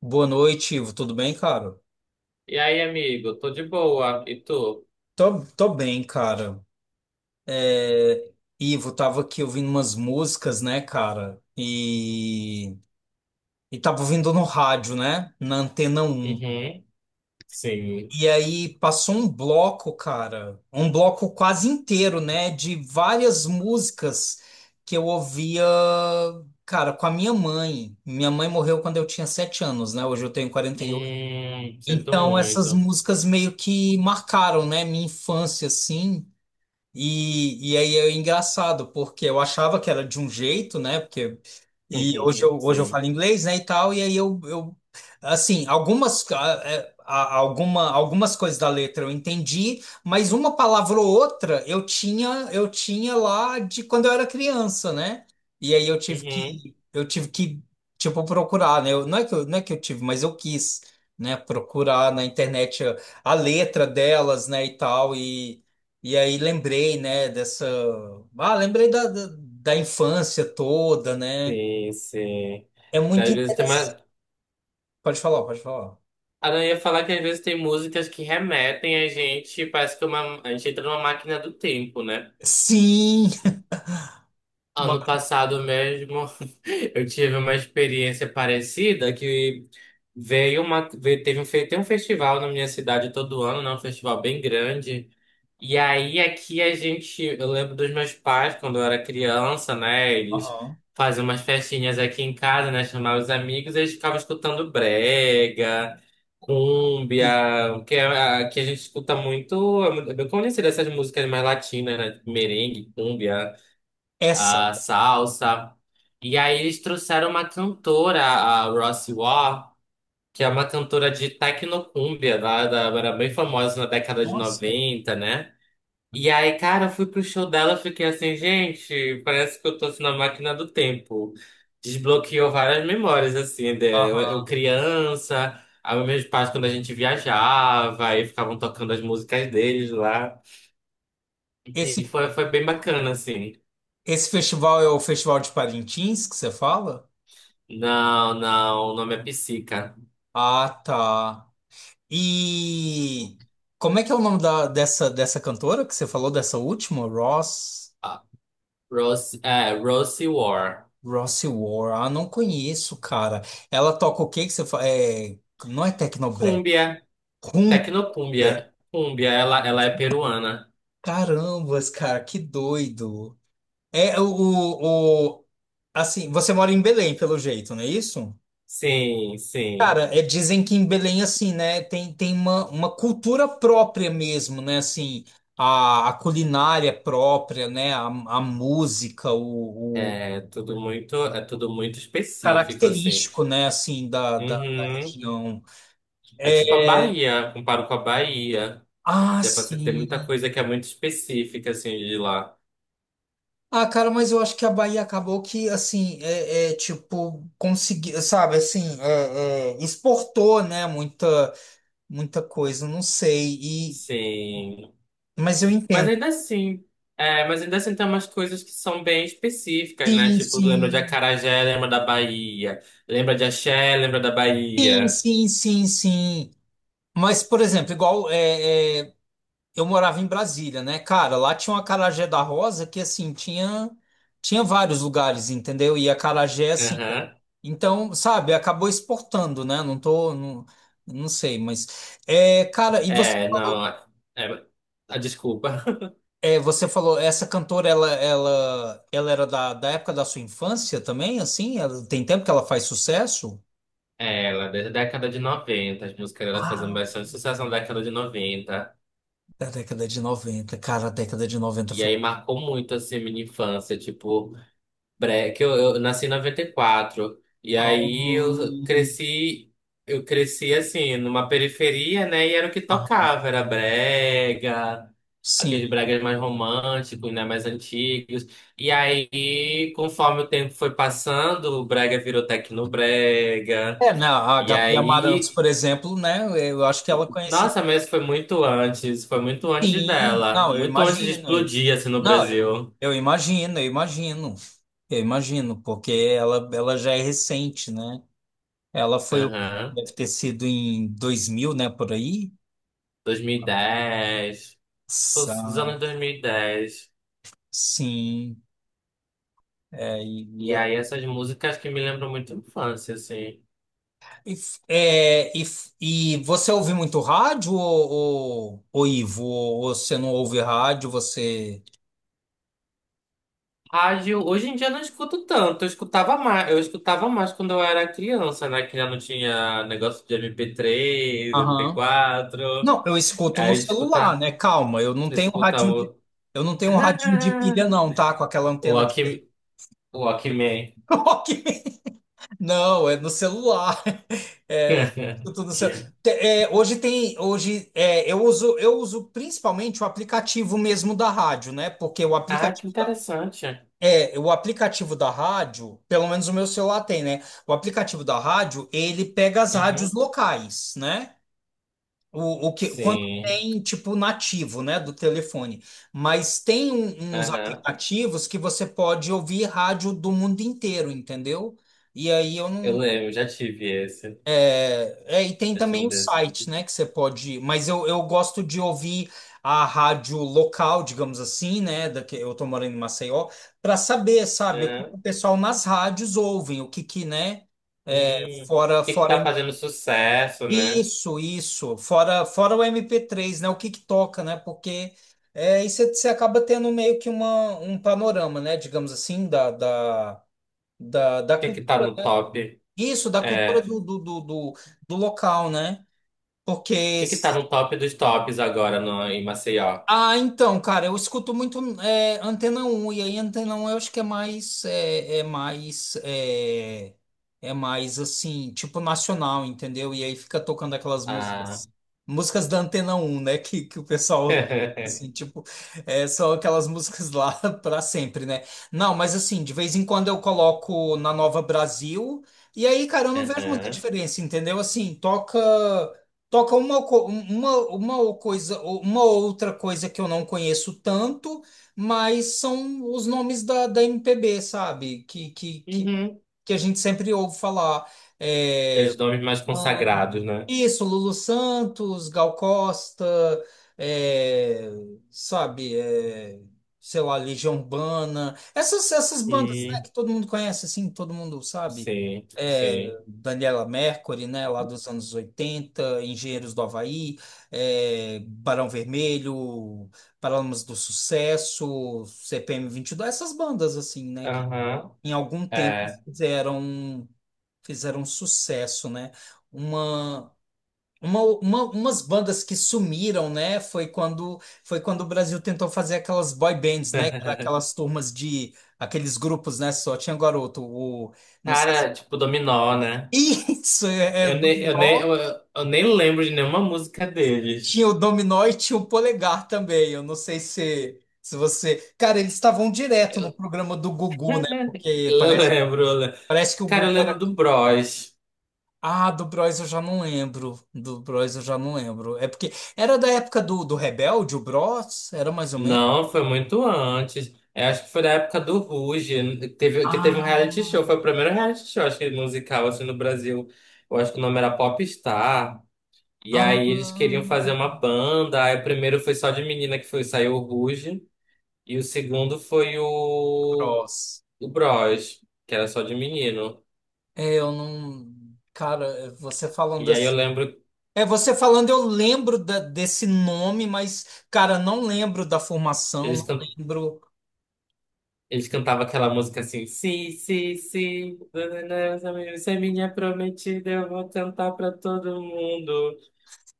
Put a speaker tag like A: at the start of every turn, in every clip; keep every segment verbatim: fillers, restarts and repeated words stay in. A: Boa noite, Ivo. Tudo bem, cara?
B: E aí, amigo? Tô de boa. E tu?
A: Tô, tô bem, cara. É, Ivo, tava aqui ouvindo umas músicas, né, cara? E, e tava ouvindo no rádio, né? Na Antena Um.
B: Uhum. Sim.
A: E aí passou um bloco, cara. Um bloco quase inteiro, né? De várias músicas que eu ouvia, cara, com a minha mãe. Minha mãe morreu quando eu tinha sete anos, né? Hoje eu tenho quarenta e oito.
B: Hum, sinto
A: Então, essas
B: muito.
A: músicas meio que marcaram, né, minha infância, assim. E, e aí é engraçado, porque eu achava que era de um jeito, né? Porque, e hoje eu, hoje eu falo
B: Sim.
A: inglês, né, e tal, e aí eu, eu assim, algumas, ah, é, a- alguma, algumas coisas da letra eu entendi, mas uma palavra ou outra eu tinha, eu tinha lá de quando eu era criança, né? E aí eu tive
B: Uhum.
A: que, eu tive que, tipo, procurar, né? Eu, não é que eu, não é que eu tive, mas eu quis, né? Procurar na internet a, a letra delas, né, e tal, e aí lembrei, né, dessa. Ah, lembrei da, da, da infância toda, né?
B: Sim, sim.
A: É muito
B: Às vezes tem
A: interessante.
B: uma...
A: Pode falar, pode falar.
B: Ah, não, eu ia falar que às vezes tem músicas que remetem a gente, parece que uma... a gente entra numa máquina do tempo, né?
A: Sim! Ma-
B: Ano passado mesmo, eu tive uma experiência parecida que veio uma... veio- Teve um... fe- tem um festival na minha cidade todo ano, né? Um festival bem grande. E aí aqui a gente, Eu lembro dos meus pais quando eu era criança, né? Eles
A: Aham.
B: faziam umas festinhas aqui em casa, né? Chamavam os amigos, eles ficavam escutando brega,
A: Sim.
B: cúmbia, que, é- que a gente escuta muito, é muito- é bem conhecida essas músicas mais latinas, né? Tipo Merengue, cúmbia,
A: Essa.
B: a salsa. E aí eles trouxeram uma cantora, a Rossi Waugh, que é uma cantora de tecnocúmbia, lá da, era bem famosa na década de
A: Nossa!
B: noventa né? E aí, cara, eu fui pro show dela, fiquei assim, gente, parece que eu tô assim, na máquina do tempo. Desbloqueou várias memórias, assim, de- eu, eu
A: Aham.
B: criança, aí meus pais quando a gente viajava, aí ficavam tocando as músicas deles lá.
A: Esse,
B: E foi, foi bem bacana, assim.
A: esse festival é o Festival de Parintins que você fala?
B: Não, não, o nome é Psica.
A: Ah, tá. E como é que é o nome da, dessa, dessa cantora que você falou, dessa última? Ross?
B: Ah, Rose, é, Rose War.
A: Rossi War, ah, não conheço, cara. Ela toca o que que você fala? É, não é Tecnobrega,
B: Cúmbia,
A: cumbia.
B: tecnocúmbia. Cúmbia, ela, ela é peruana.
A: Carambas, cara, que doido. É o, o, o- assim, você mora em Belém, pelo jeito, não é isso?
B: Sim,
A: Cara,
B: sim.
A: é, dizem que em Belém, assim, né, tem, tem uma, uma cultura própria mesmo, né, assim, a, a culinária própria, né, a, a música, o, o
B: É tudo muito, é tudo muito específico, assim.
A: característico, né, assim, da, da da
B: Uhum.
A: região.
B: É tipo a
A: É,
B: Bahia, comparo com a Bahia.
A: Ah,
B: Já pra você ter
A: sim.
B: muita coisa que é muito específica, assim, de lá.
A: Ah, cara, mas eu acho que a Bahia acabou que, assim, é, é, tipo, conseguiu, sabe, assim, é, é, exportou, né, muita, muita coisa, não sei, e,
B: Sim.
A: mas eu
B: Mas
A: entendo.
B: ainda assim, é, mas ainda assim tem umas coisas que são bem específicas, né?
A: Sim,
B: Tipo, lembra de
A: sim,
B: acarajé, lembra da Bahia. Lembra de axé, lembra da
A: sim,
B: Bahia.
A: sim, sim, sim. Mas, por exemplo, igual, é. é, eu morava em Brasília, né? Cara, lá tinha uma acarajé da Rosa que, assim, tinha, tinha vários lugares, entendeu? E acarajé, assim.
B: Aham.
A: Então, sabe, acabou exportando, né? Não tô. Não, não sei, mas. É, cara, e você
B: É,
A: falou,
B: não. É, ah, desculpa.
A: é, você falou, essa cantora, ela, ela, ela era da, da época da sua infância também, assim? Ela- tem tempo que ela faz sucesso?
B: É, ela, desde a década de noventa as músicas dela faziam
A: Ah,
B: bastante sucesso na década de noventa.
A: da década de noventa. Cara, a década de noventa
B: E
A: foi.
B: aí marcou muito assim a minha infância, tipo, bre- que eu, eu nasci em noventa e quatro. E quatro. E
A: Ah,
B: aí eu cresci, eu cresci assim, numa periferia, né? E era o que
A: aham.
B: tocava, era brega, aqueles
A: Sim.
B: bregas mais românticos, né? Mais antigos. E aí, conforme o tempo foi passando, o brega virou tecnobrega.
A: É, né, a
B: E
A: Gabi Amarantos,
B: aí,
A: por exemplo, né? Eu acho que ela é conhecida.
B: nossa, mas foi muito antes, foi muito antes
A: Sim,
B: dela,
A: não, eu
B: muito antes de
A: imagino. Eu-
B: explodir assim no
A: não, eu,
B: Brasil.
A: eu imagino, eu imagino. Eu imagino, porque ela, ela já é recente, né? Ela foi, o-
B: Aham.
A: deve ter sido em dois mil, né, por aí?
B: dois mil e dez, tipo, os
A: Sa-
B: anos dois mil e dez.
A: Sim. É,
B: E dez.
A: e, e,
B: E aí
A: ela-
B: essas músicas que me lembram muito a infância, assim.
A: e f- é, e f- e você ouve muito rádio, ou, ou, ou Ivo? Ou você não ouve rádio, você.
B: Rádio, hoje em dia eu não escuto tanto, eu escutava mais, eu escutava mais quando eu era criança, né? Que já não tinha negócio de M P três, M P quatro.
A: Não, eu escuto no
B: Aí
A: celular,
B: escutar,
A: né? Calma, eu não tenho um
B: escutar
A: radinho de,
B: o
A: eu não tenho um radinho de pilha, não, tá? Com aquela
B: o
A: antena que seria.
B: Walkman. o Walkman.
A: Ok. Não, é no celular. É, eu escuto no celu- Te- é, hoje tem, hoje é, eu uso, eu uso principalmente o aplicativo mesmo da rádio, né? Porque o
B: Ah, que
A: aplicativo da-
B: interessante.
A: é, o aplicativo da rádio, pelo menos o meu celular tem, né? O aplicativo da rádio, ele pega as rádios
B: Uhum.
A: locais, né? O, o que, quando
B: Sim.
A: tem, tipo, nativo, né, do telefone. Mas tem um- uns
B: Aham.
A: aplicativos que você pode ouvir rádio do mundo inteiro, entendeu? E aí eu
B: Eu
A: não.
B: lembro, já tive esse.
A: É, e tem
B: Já tive
A: também
B: um
A: o
B: desses.
A: site, né, que você pode. Mas eu, eu gosto de ouvir a rádio local, digamos assim, né, da que eu tô morando em Maceió, para saber, sabe, o que o pessoal nas rádios ouvem, o que que, né,
B: Hum, o
A: fora,
B: que que tá
A: fora
B: fazendo sucesso, né? O
A: isso, isso. Fora, fora o M P três né? O que que toca, né? Porque é, aí você você acaba tendo meio que uma, um panorama, né? Digamos assim, da, da, da, da
B: que que tá
A: cultura.
B: no
A: Né?
B: top?
A: Isso, da
B: É,
A: cultura
B: o
A: do, do, do, do, do local, né? Porque
B: que que tá no top dos tops agora no, em Maceió?
A: ah, então, cara, eu escuto muito é, Antena Um e aí Antena Um eu acho que é mais, é, é mais, é, é mais assim, tipo nacional, entendeu? E aí fica tocando aquelas
B: Ah.
A: músicas, músicas da Antena Um, né? Que, que o pessoal, assim, tipo, é, são aquelas músicas lá pra sempre, né? Não, mas assim, de vez em quando eu coloco na Nova Brasil, e aí, cara, eu não vejo muita
B: Aham.
A: diferença, entendeu? Assim, toca. Toca uma, co- uma, uma ou coisa, uma outra coisa que eu não conheço tanto, mas são os nomes da, da M P B, sabe? Que, que, que,
B: Uhum.
A: que a gente sempre ouve falar. É,
B: Aqueles nomes mais consagrados, né?
A: isso, Lulu Santos, Gal Costa, é, sabe, é, sei lá, Legião Urbana, essas, essas bandas, né,
B: Hum,
A: que todo mundo conhece, assim, todo mundo sabe.
B: sim,
A: É,
B: sim.
A: Daniela Mercury, né, lá dos anos oitenta Engenheiros do Havaí, é, Barão Vermelho, Paralamas do Sucesso, C P M dois essas bandas, assim, né, que
B: Aham.
A: em algum tempo
B: É.
A: fizeram, fizeram sucesso, né? Uma. Uma, uma- umas bandas que sumiram, né? Foi quando foi quando o Brasil tentou fazer aquelas boy bands, né? Que era aquelas turmas de aqueles grupos, né? Só tinha garoto, o não sei se...
B: Cara, tipo Dominó, né?
A: Isso é, é o
B: Eu nem, eu nem, eu,
A: Dominó.
B: eu nem lembro de nenhuma música deles.
A: Tinha o Dominó e tinha o Polegar também. Eu não sei se se você, cara, eles estavam direto no
B: Eu,
A: programa do Gugu, né? Porque
B: eu
A: parece
B: lembro, eu lembro.
A: parece que o
B: Cara,
A: Gugu
B: eu lembro
A: era
B: do Bros.
A: ah, do Bros eu já não lembro. Do Bros eu já não lembro. É porque era da época do, do Rebelde, o Bros, era mais ou menos
B: Não, foi muito antes. Eu acho que foi da época do Ruge, que teve, que teve um reality
A: ah,
B: show. Foi o primeiro reality show, acho que musical, assim, no Brasil. Eu acho que o nome era Popstar. E
A: ah,
B: aí eles queriam fazer uma banda. Aí o primeiro foi só de menina que foi, saiu o Ruge. E o segundo foi o,
A: Bros.
B: o Bros, que era só de menino.
A: É, eu não. Cara, é, você falando
B: E aí eu
A: assim.
B: lembro,
A: É, você falando, eu lembro da- desse nome, mas, cara, não lembro da formação,
B: eles,
A: não
B: can,
A: lembro.
B: eles cantavam aquela música assim, sim, sim, sim, você é minha prometida, eu vou cantar pra todo mundo.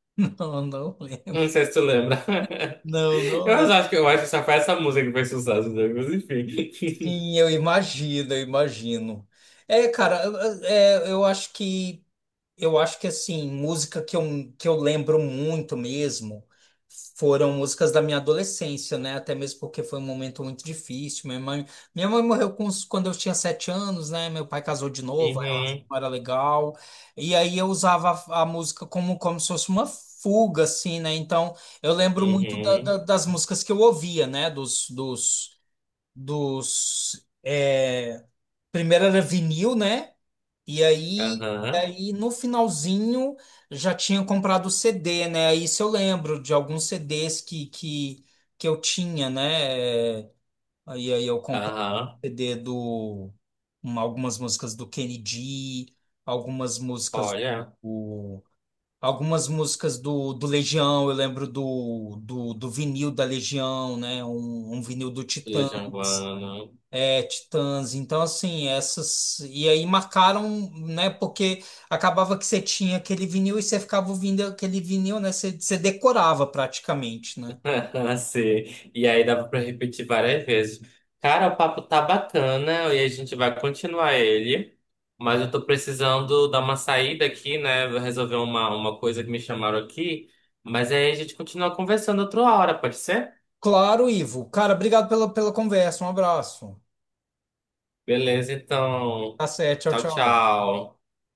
A: Não, não
B: Não
A: lembro.
B: sei se tu lembra.
A: Não, não
B: Eu
A: lembro.
B: acho que eu acho que só foi essa música que fez sucesso, né? mas enfim.
A: Sim, eu imagino, eu imagino. É, cara, eu- é, eu acho que. Eu acho que assim, música que eu, que eu lembro muito mesmo foram músicas da minha adolescência, né? Até mesmo porque foi um momento muito difícil. Minha mãe, minha mãe morreu com uns- quando eu tinha sete anos, né? Meu pai casou de novo, a relação
B: Uhum,
A: não era legal. E aí eu usava a, a música como, como se fosse uma fuga, assim, né? Então eu lembro muito da-
B: uhum,
A: da- das músicas que eu ouvia, né? Dos, dos, dos, é, primeiro era vinil, né? E aí,
B: aham,
A: aí no finalzinho já tinha comprado o C D, né? Aí isso eu lembro de alguns C Ds que, que, que eu tinha, né? É, Aí, aí eu comprei o
B: aham.
A: C D do uma- algumas músicas do Kennedy, algumas músicas
B: Olha,
A: do, algumas músicas do, do Legião, eu lembro do, do, do vinil da Legião, né? Um, um vinil do Titã.
B: Legião Urbana.
A: É, Titãs. Então, assim, essas. E aí marcaram, né? Porque acabava que você tinha aquele vinil e você ficava ouvindo aquele vinil, né? Você, você decorava praticamente, né?
B: Sim. E aí dava pra repetir várias vezes. Cara, o papo tá bacana e a gente vai continuar ele. Mas eu tô precisando dar uma saída aqui, né? Vou resolver uma, uma coisa que me chamaram aqui. Mas aí a gente continua conversando outra hora, pode ser?
A: Claro, Ivo. Cara, obrigado pela, pela conversa. Um abraço.
B: Beleza, então.
A: Tá certo. Tchau,
B: Tchau,
A: tchau.
B: tchau.